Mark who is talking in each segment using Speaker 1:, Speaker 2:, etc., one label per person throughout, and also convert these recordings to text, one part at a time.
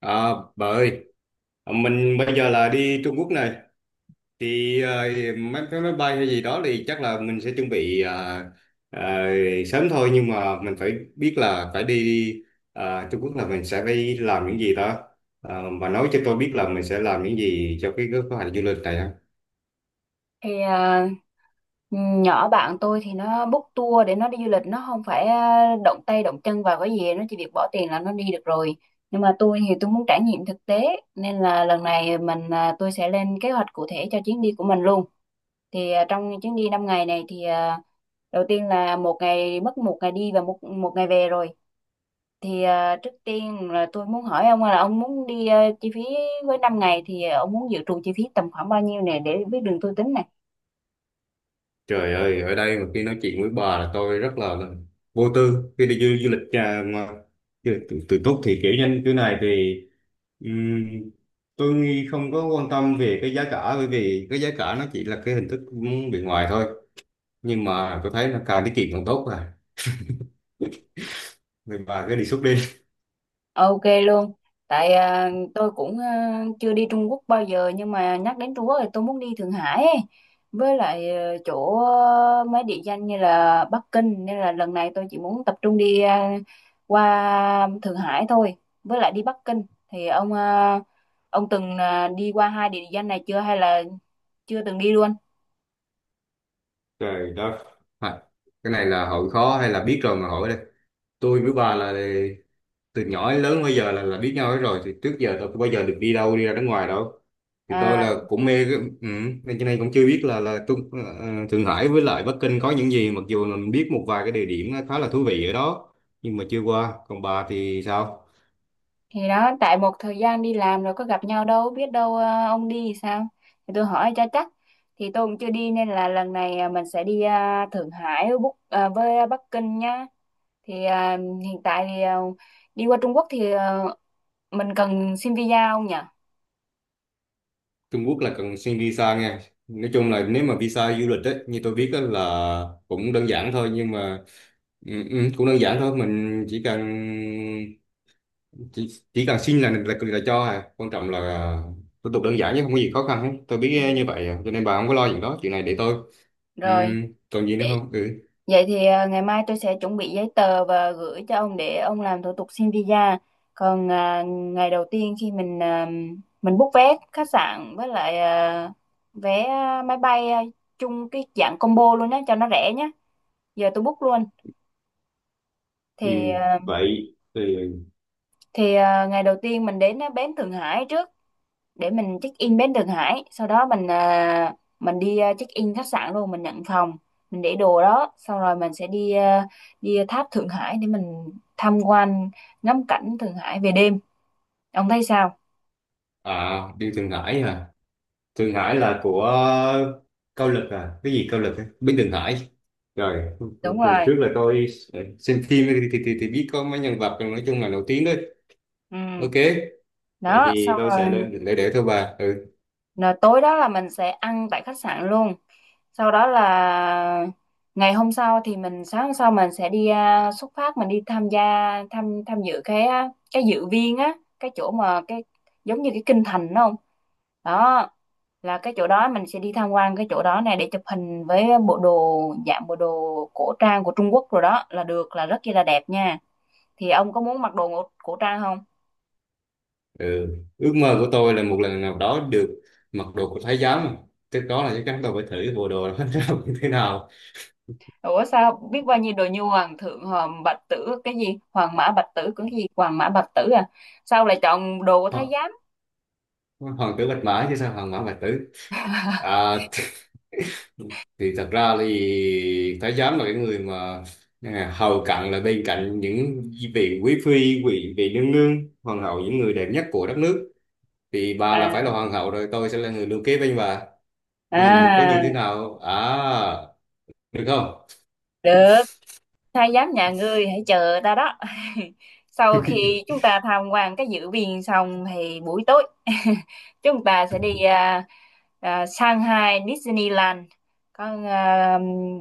Speaker 1: À, bà ơi, mình bây giờ là đi Trung Quốc này, thì mấy cái máy bay hay gì đó thì chắc là mình sẽ chuẩn bị ờ, sớm thôi, nhưng mà mình phải biết là phải đi Trung Quốc là mình sẽ phải làm những gì đó. Bà nói cho tôi biết là mình sẽ làm những gì cho cái kế hoạch du lịch này ha.
Speaker 2: thì à, Nhỏ bạn tôi thì nó book tour để nó đi du lịch, nó không phải động tay động chân vào cái gì, nó chỉ việc bỏ tiền là nó đi được rồi. Nhưng mà tôi thì tôi muốn trải nghiệm thực tế, nên là lần này tôi sẽ lên kế hoạch cụ thể cho chuyến đi của mình luôn. Trong chuyến đi 5 ngày này thì đầu tiên là một ngày, mất một ngày đi và một một ngày về rồi. Trước tiên là tôi muốn hỏi ông là ông muốn chi phí với 5 ngày thì ông muốn dự trù chi phí tầm khoảng bao nhiêu này để biết đường tôi tính.
Speaker 1: Trời ơi, ở đây mà khi nói chuyện với bà là tôi rất là vô tư khi đi du lịch mà du lịch tự túc thì kiểu như thế này thì Ừm, tôi nghĩ không có quan tâm về cái giá cả, bởi vì cái giá cả nó chỉ là cái hình thức bên ngoài thôi, nhưng mà tôi thấy là càng tiết kiệm càng tốt rồi, mình bà cái đề xuất đi.
Speaker 2: Ok luôn. Tại tôi cũng chưa đi Trung Quốc bao giờ, nhưng mà nhắc đến Trung Quốc thì tôi muốn đi Thượng Hải ấy. Với lại chỗ mấy địa danh như là Bắc Kinh, nên là lần này tôi chỉ muốn tập trung đi qua Thượng Hải thôi. Với lại đi Bắc Kinh thì ông từng đi qua hai địa danh này chưa, hay là chưa từng đi luôn?
Speaker 1: Trời đất! à, cái này là hỏi khó hay là biết rồi mà hỏi đây? Tôi với bà là từ nhỏ đến lớn bây giờ là biết nhau hết rồi, thì trước giờ tôi không bao giờ được đi đâu, đi ra nước ngoài đâu. Thì tôi
Speaker 2: À
Speaker 1: là cũng mê ừ, cho nên cũng chưa biết là tôi, Thượng Hải với lại Bắc Kinh có những gì, mặc dù là mình biết một vài cái địa điểm khá là thú vị ở đó, nhưng mà chưa qua. Còn bà thì sao?
Speaker 2: thì đó, tại một thời gian đi làm rồi có gặp nhau đâu, biết đâu ông đi thì sao, thì tôi hỏi cho chắc. Thì tôi cũng chưa đi, nên là lần này mình sẽ đi Thượng Hải với, với Bắc Kinh nhá. Hiện tại thì đi qua Trung Quốc thì mình cần xin visa không nhỉ?
Speaker 1: Trung Quốc là cần xin visa nha. Nói chung là nếu mà visa du lịch ấy, như tôi biết á là cũng đơn giản thôi, nhưng mà cũng đơn giản thôi, mình chỉ, chỉ cần xin là cho quan trọng là thủ tục đơn giản chứ không có gì khó khăn hết, tôi
Speaker 2: Ừ.
Speaker 1: biết à, như vậy à. Cho nên bà không có lo, chuyện đó chuyện này để tôi.
Speaker 2: Rồi.
Speaker 1: Ừm, Còn gì nữa không? Ừ,
Speaker 2: Vậy thì ngày mai tôi sẽ chuẩn bị giấy tờ và gửi cho ông để ông làm thủ tục xin visa. Còn ngày đầu tiên khi mình book vé khách sạn với lại vé máy bay chung cái dạng combo luôn nhé cho nó rẻ nhé. Giờ tôi book luôn.
Speaker 1: ừ,
Speaker 2: Thì à,
Speaker 1: vậy thì
Speaker 2: Ngày đầu tiên mình đến bến Thượng Hải trước. Để mình check in bến Thượng Hải, sau đó mình check in khách sạn luôn, mình nhận phòng, mình để đồ đó xong rồi mình sẽ đi tháp Thượng Hải để mình tham quan, ngắm cảnh Thượng Hải về đêm. Ông thấy sao?
Speaker 1: à, đi Thượng Hải à? Thượng Hải là của Cao Lực à, cái gì Cao Lực ấy? Bên Thượng Hải. Rồi,
Speaker 2: Đúng
Speaker 1: rồi
Speaker 2: rồi.
Speaker 1: trước là tôi xem phim thì biết có mấy nhân vật nói chung là nổi tiếng đấy.
Speaker 2: Ừ.
Speaker 1: Ok, vậy
Speaker 2: Đó,
Speaker 1: thì
Speaker 2: xong
Speaker 1: tôi sẽ
Speaker 2: rồi.
Speaker 1: lên để thôi bà. Ừ
Speaker 2: Rồi tối đó là mình sẽ ăn tại khách sạn luôn. Sau đó là ngày hôm sau thì mình, sáng hôm sau mình sẽ xuất phát mình đi tham gia, tham tham dự cái dự viên á, cái chỗ mà cái giống như cái kinh thành đúng không? Đó là cái chỗ đó, mình sẽ đi tham quan cái chỗ đó này để chụp hình với bộ đồ, dạng bộ đồ cổ trang của Trung Quốc, rồi đó là được, là rất chi là đẹp nha. Thì ông có muốn mặc đồ cổ cổ trang không?
Speaker 1: Ừ. Ước mơ của tôi là một lần nào đó được mặc đồ của thái giám, cái đó là chắc chắn tôi phải thử bộ đồ đó ra như thế nào.
Speaker 2: Ủa sao biết bao nhiêu đồ như hoàng thượng, hoàng bạch tử, cái gì hoàng mã bạch tử, cái gì hoàng mã bạch tử, sao lại chọn đồ của thái
Speaker 1: Ho-
Speaker 2: giám?
Speaker 1: Hoàng tử bạch mã chứ, sao hoàng mã bạch tử? À, thì thật ra thì thái giám là cái người mà hầu cận là bên cạnh những vị quý phi, vị vị nương nương, hoàng hậu, những người đẹp nhất của đất nước, thì bà là phải là
Speaker 2: à
Speaker 1: hoàng hậu rồi, tôi sẽ là người lưu kế bên bà. Ví dụ như có như thế
Speaker 2: à,
Speaker 1: nào à, được không?
Speaker 2: được. Thái giám nhà ngươi hãy chờ ta đó. Sau khi chúng ta tham quan cái dự viên xong thì buổi tối chúng ta sẽ đi Shanghai Disneyland. con à,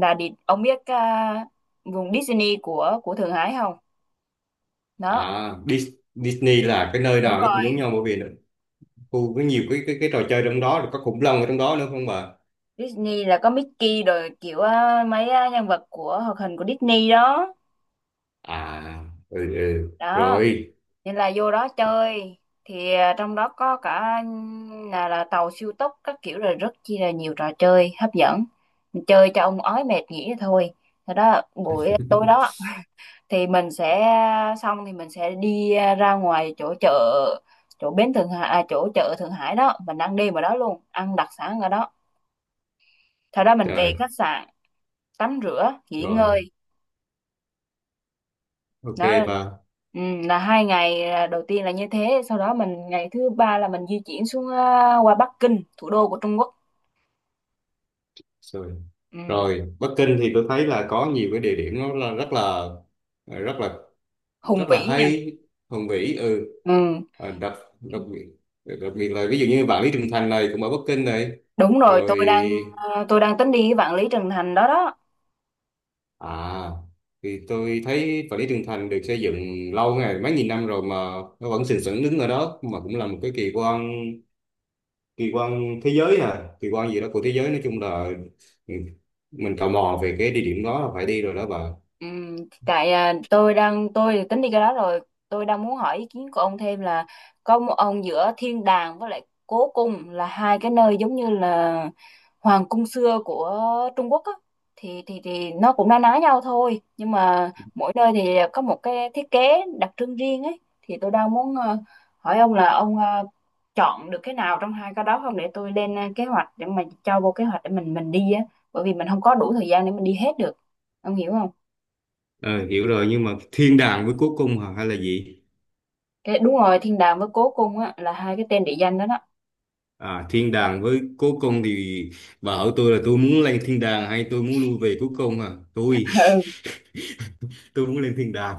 Speaker 2: là đi, ông biết vùng Disney của Thượng Hải không? Đó.
Speaker 1: À, Disney là cái nơi
Speaker 2: Đúng
Speaker 1: nào nó cũng giống
Speaker 2: rồi.
Speaker 1: nhau, bởi vì khu có nhiều cái trò chơi trong đó, rồi có khủng long ở trong đó nữa không bà?
Speaker 2: Disney là có Mickey rồi kiểu á, mấy á, nhân vật của hoạt hình của Disney đó.
Speaker 1: À, ừ, ừ.
Speaker 2: Đó
Speaker 1: Rồi.
Speaker 2: nên là vô đó chơi. Trong đó có cả là tàu siêu tốc các kiểu, rồi rất chi là nhiều trò chơi hấp dẫn. Mình chơi cho ông ói mệt nghỉ thôi. Thế đó buổi tối đó thì mình sẽ xong thì mình sẽ ra ngoài chỗ chợ, chỗ bến Thượng Hải, chỗ chợ Thượng Hải đó mình ăn đêm ở đó luôn, ăn đặc sản ở đó, sau đó mình về
Speaker 1: Trời.
Speaker 2: khách sạn tắm rửa nghỉ
Speaker 1: Rồi,
Speaker 2: ngơi.
Speaker 1: ok
Speaker 2: Đó.
Speaker 1: bà.
Speaker 2: Ừ, là 2 ngày đầu tiên là như thế. Sau đó mình, ngày thứ ba là mình di chuyển xuống qua Bắc Kinh, thủ đô của Trung Quốc.
Speaker 1: Rồi,
Speaker 2: Ừ,
Speaker 1: rồi Bắc Kinh thì tôi thấy là có nhiều cái địa điểm, nó là rất là
Speaker 2: hùng
Speaker 1: rất là
Speaker 2: vĩ nha.
Speaker 1: hay, hùng vĩ. Ừ.
Speaker 2: Ừ,
Speaker 1: à, đặc đặc biệt đặc biệt là ví dụ như Vạn Lý Trường Thành này cũng ở Bắc Kinh này.
Speaker 2: đúng rồi,
Speaker 1: Rồi.
Speaker 2: tôi đang tôi đang tính đi cái Vạn Lý Trường Thành đó đó.
Speaker 1: À, thì tôi thấy Vạn Lý Trường Thành được xây dựng lâu ngày, mấy nghìn năm rồi mà nó vẫn sừng sững đứng ở đó, mà cũng là một cái kỳ quan thế giới, à, kỳ quan gì đó của thế giới, nói chung là ừ, mình tò mò về cái địa điểm đó là phải đi rồi đó bà.
Speaker 2: Ừ, tại tôi đang tôi tính đi cái đó rồi. Tôi đang muốn hỏi ý kiến của ông thêm là có một ông giữa thiên đàng với lại cố cung là hai cái nơi giống như là hoàng cung xưa của Trung Quốc á, thì thì nó cũng na ná nhau thôi, nhưng mà mỗi nơi thì có một cái thiết kế đặc trưng riêng ấy. Thì tôi đang muốn hỏi ông là ông chọn được cái nào trong hai cái đó không, để tôi lên kế hoạch, để mà cho vô kế hoạch để mình đi á, bởi vì mình không có đủ thời gian để mình đi hết được. Ông hiểu không?
Speaker 1: Ờ, Hiểu rồi, nhưng mà thiên đàng với cố cung hả, hay là gì?
Speaker 2: Cái đúng rồi, thiên đàng với cố cung á, là hai cái tên địa danh đó đó.
Speaker 1: À, thiên đàng với cố cung thì bà hỏi tôi là tôi muốn lên thiên đàng hay tôi muốn lui về cố cung à? Tôi
Speaker 2: Ừ.
Speaker 1: tôi muốn lên thiên đàng.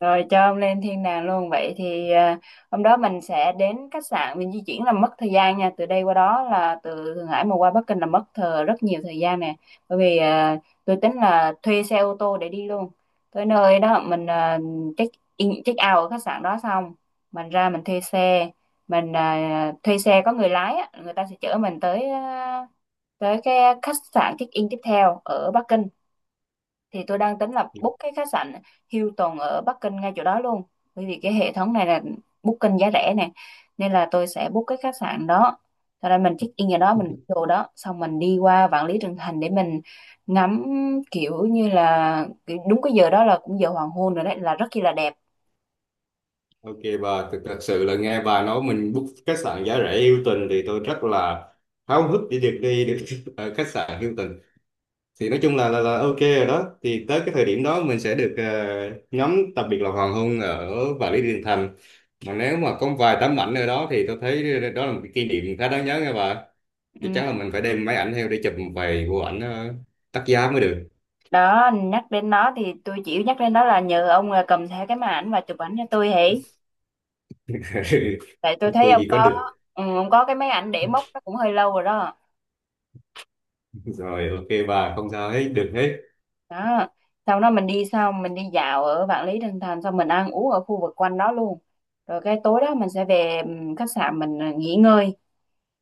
Speaker 2: Rồi cho ông lên thiên đàng luôn. Vậy thì hôm đó mình sẽ đến khách sạn, mình di chuyển là mất thời gian nha, từ đây qua đó là từ Thượng Hải mà qua Bắc Kinh là mất rất nhiều thời gian nè. Bởi vì tôi tính là thuê xe ô tô để đi luôn. Tới nơi đó check in check out ở khách sạn đó xong, mình ra mình thuê xe, thuê xe có người lái á, người ta sẽ chở mình tới tới cái khách sạn check in tiếp theo ở Bắc Kinh. Thì tôi đang tính là book cái khách sạn Hilton ở Bắc Kinh ngay chỗ đó luôn, bởi vì cái hệ thống này là booking giá rẻ nè, nên là tôi sẽ book cái khách sạn đó. Sau đó mình check in ở đó, mình book đồ đó xong, mình đi qua Vạn Lý Trường Thành để mình ngắm, kiểu như là kiểu đúng cái giờ đó là cũng giờ hoàng hôn rồi, đấy là rất chi là đẹp.
Speaker 1: Ok bà, thật sự là nghe bà nói mình book khách sạn giá rẻ Hilton thì tôi rất là háo hức để được đi được ở khách sạn Hilton. Thì nói chung là ok rồi đó. Thì tới cái thời điểm đó mình sẽ được ngắm, đặc biệt là hoàng hôn ở Vạn Lý Đường Thành. Mà nếu mà có vài tấm ảnh ở đó thì tôi thấy đó là một cái kỷ niệm khá đáng nhớ nha bà. Chắc chắn là
Speaker 2: Ừ.
Speaker 1: mình phải đem máy ảnh theo để chụp một vài bộ ảnh đắt giá mới được.
Speaker 2: Đó, nhắc đến nó thì tôi chỉ nhắc đến đó là nhờ ông là cầm theo cái máy ảnh và chụp ảnh cho tôi hỉ. Tại tôi thấy
Speaker 1: Tôi
Speaker 2: ông
Speaker 1: gì có
Speaker 2: có,
Speaker 1: được.
Speaker 2: ừ, ông có cái máy ảnh để mốc nó cũng hơi lâu rồi đó.
Speaker 1: Rồi ok bà, không sao hết, được hết.
Speaker 2: Đó, sau đó mình đi, sau mình đi dạo ở Vạn Lý Trường Thành xong, mình ăn uống ở khu vực quanh đó luôn. Rồi cái tối đó mình sẽ về khách sạn, nghỉ ngơi,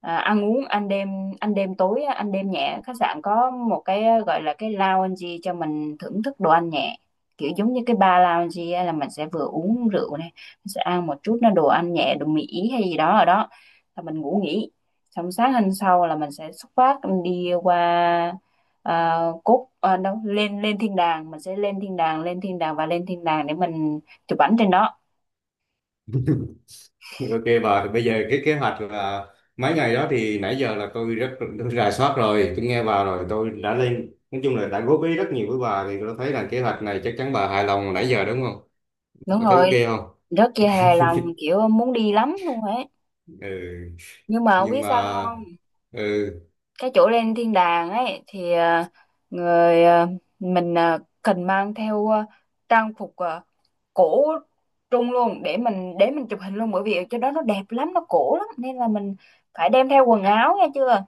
Speaker 2: ăn uống, ăn đêm, ăn đêm tối á, ăn đêm nhẹ. Khách sạn có một cái gọi là cái lounge cho mình thưởng thức đồ ăn nhẹ, kiểu giống như cái bar lounge á, là mình sẽ vừa uống rượu này, mình sẽ ăn một chút nó đồ ăn nhẹ đồ Mỹ hay gì đó ở đó, là mình ngủ nghỉ. Xong sáng hôm sau là mình sẽ xuất phát đi qua à, lên lên thiên đàng, mình sẽ lên thiên đàng, lên thiên đàng và lên thiên đàng để mình chụp ảnh trên đó.
Speaker 1: Ok bà, bây giờ cái kế hoạch là mấy ngày đó thì nãy giờ là tôi rà soát rồi, tôi nghe bà rồi, tôi đã lên nói chung là đã góp ý rất nhiều với bà, thì tôi thấy là kế hoạch này chắc chắn bà hài lòng nãy giờ đúng không?
Speaker 2: Đúng
Speaker 1: Bà thấy ok
Speaker 2: rồi,
Speaker 1: không?
Speaker 2: rất là hài lòng, kiểu muốn đi lắm luôn ấy,
Speaker 1: Ừ.
Speaker 2: nhưng mà không
Speaker 1: Nhưng
Speaker 2: biết sao
Speaker 1: mà
Speaker 2: không.
Speaker 1: ừ,
Speaker 2: Cái chỗ lên thiên đàng ấy thì à, người à, mình à, cần mang theo trang phục cổ trung luôn để mình chụp hình luôn, bởi vì chỗ đó nó đẹp lắm, nó cổ lắm, nên là mình phải đem theo quần áo nghe chưa.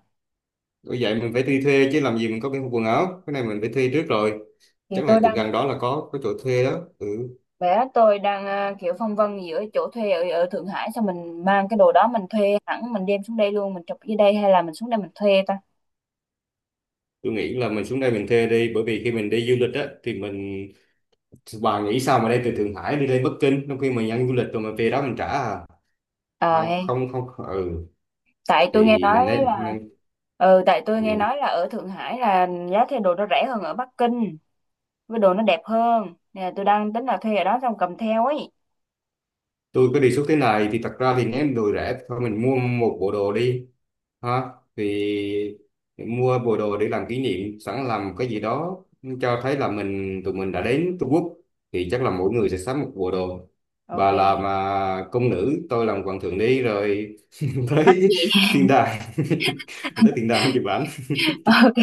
Speaker 1: bởi vậy mình phải đi thuê chứ làm gì mình có cái quần áo, cái này mình phải thuê trước rồi.
Speaker 2: Thì
Speaker 1: Chắc là
Speaker 2: tôi
Speaker 1: chỗ
Speaker 2: đang,
Speaker 1: gần đó là có chỗ thuê đó. Ừ,
Speaker 2: Bé tôi đang kiểu phân vân giữa chỗ thuê ở Thượng Hải, xong mình mang cái đồ đó, mình thuê hẳn mình đem xuống đây luôn, mình chụp dưới đây, hay là mình xuống đây mình thuê ta.
Speaker 1: tôi nghĩ là mình xuống đây mình thuê đi, bởi vì khi mình đi du lịch á thì bà nghĩ sao mà đi từ Thượng Hải đi lên Bắc Kinh, trong khi mình ăn du lịch rồi mình về đó mình trả à?
Speaker 2: Ờ hay,
Speaker 1: Không, không, không, ừ,
Speaker 2: tại tôi nghe
Speaker 1: thì mình
Speaker 2: nói
Speaker 1: nên,
Speaker 2: là, ừ tại tôi nghe
Speaker 1: ừ.
Speaker 2: nói là ở Thượng Hải là giá thuê đồ nó rẻ hơn ở Bắc Kinh, với đồ nó đẹp hơn, nên là tôi đang tính là thuê ở đó xong cầm theo ấy.
Speaker 1: Tôi có đề xuất thế này, thì thật ra thì nếu đồ rẻ thôi mình mua một bộ đồ đi ha, thì mua bộ đồ để làm kỷ niệm, sẵn làm cái gì đó cho thấy là tụi mình đã đến Trung Quốc, thì chắc là mỗi người sẽ sắm một bộ đồ.
Speaker 2: Ok
Speaker 1: Bà làm công nữ, tôi làm hoàng thượng đi rồi
Speaker 2: mắc
Speaker 1: tới
Speaker 2: gì.
Speaker 1: thiên đàng tới thiên đàng không chụp ảnh.
Speaker 2: Ok,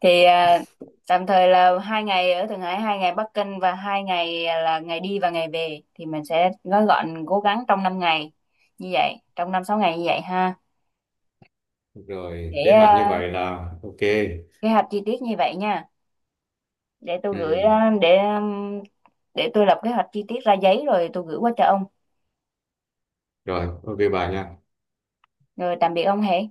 Speaker 2: thì à, tạm thời là hai ngày ở Thượng Hải, 2 ngày Bắc Kinh, và 2 ngày là ngày đi và ngày về, thì mình sẽ gói gọn cố gắng trong 5 ngày như vậy, trong 5-6 ngày như vậy ha.
Speaker 1: Rồi
Speaker 2: Để
Speaker 1: kế hoạch như
Speaker 2: à,
Speaker 1: vậy là ok.
Speaker 2: Kế hoạch chi tiết như vậy nha. Để tôi gửi
Speaker 1: Ừ.
Speaker 2: để tôi lập kế hoạch chi tiết ra giấy rồi tôi gửi qua cho ông.
Speaker 1: Rồi ok bà nha.
Speaker 2: Rồi tạm biệt ông Hệ.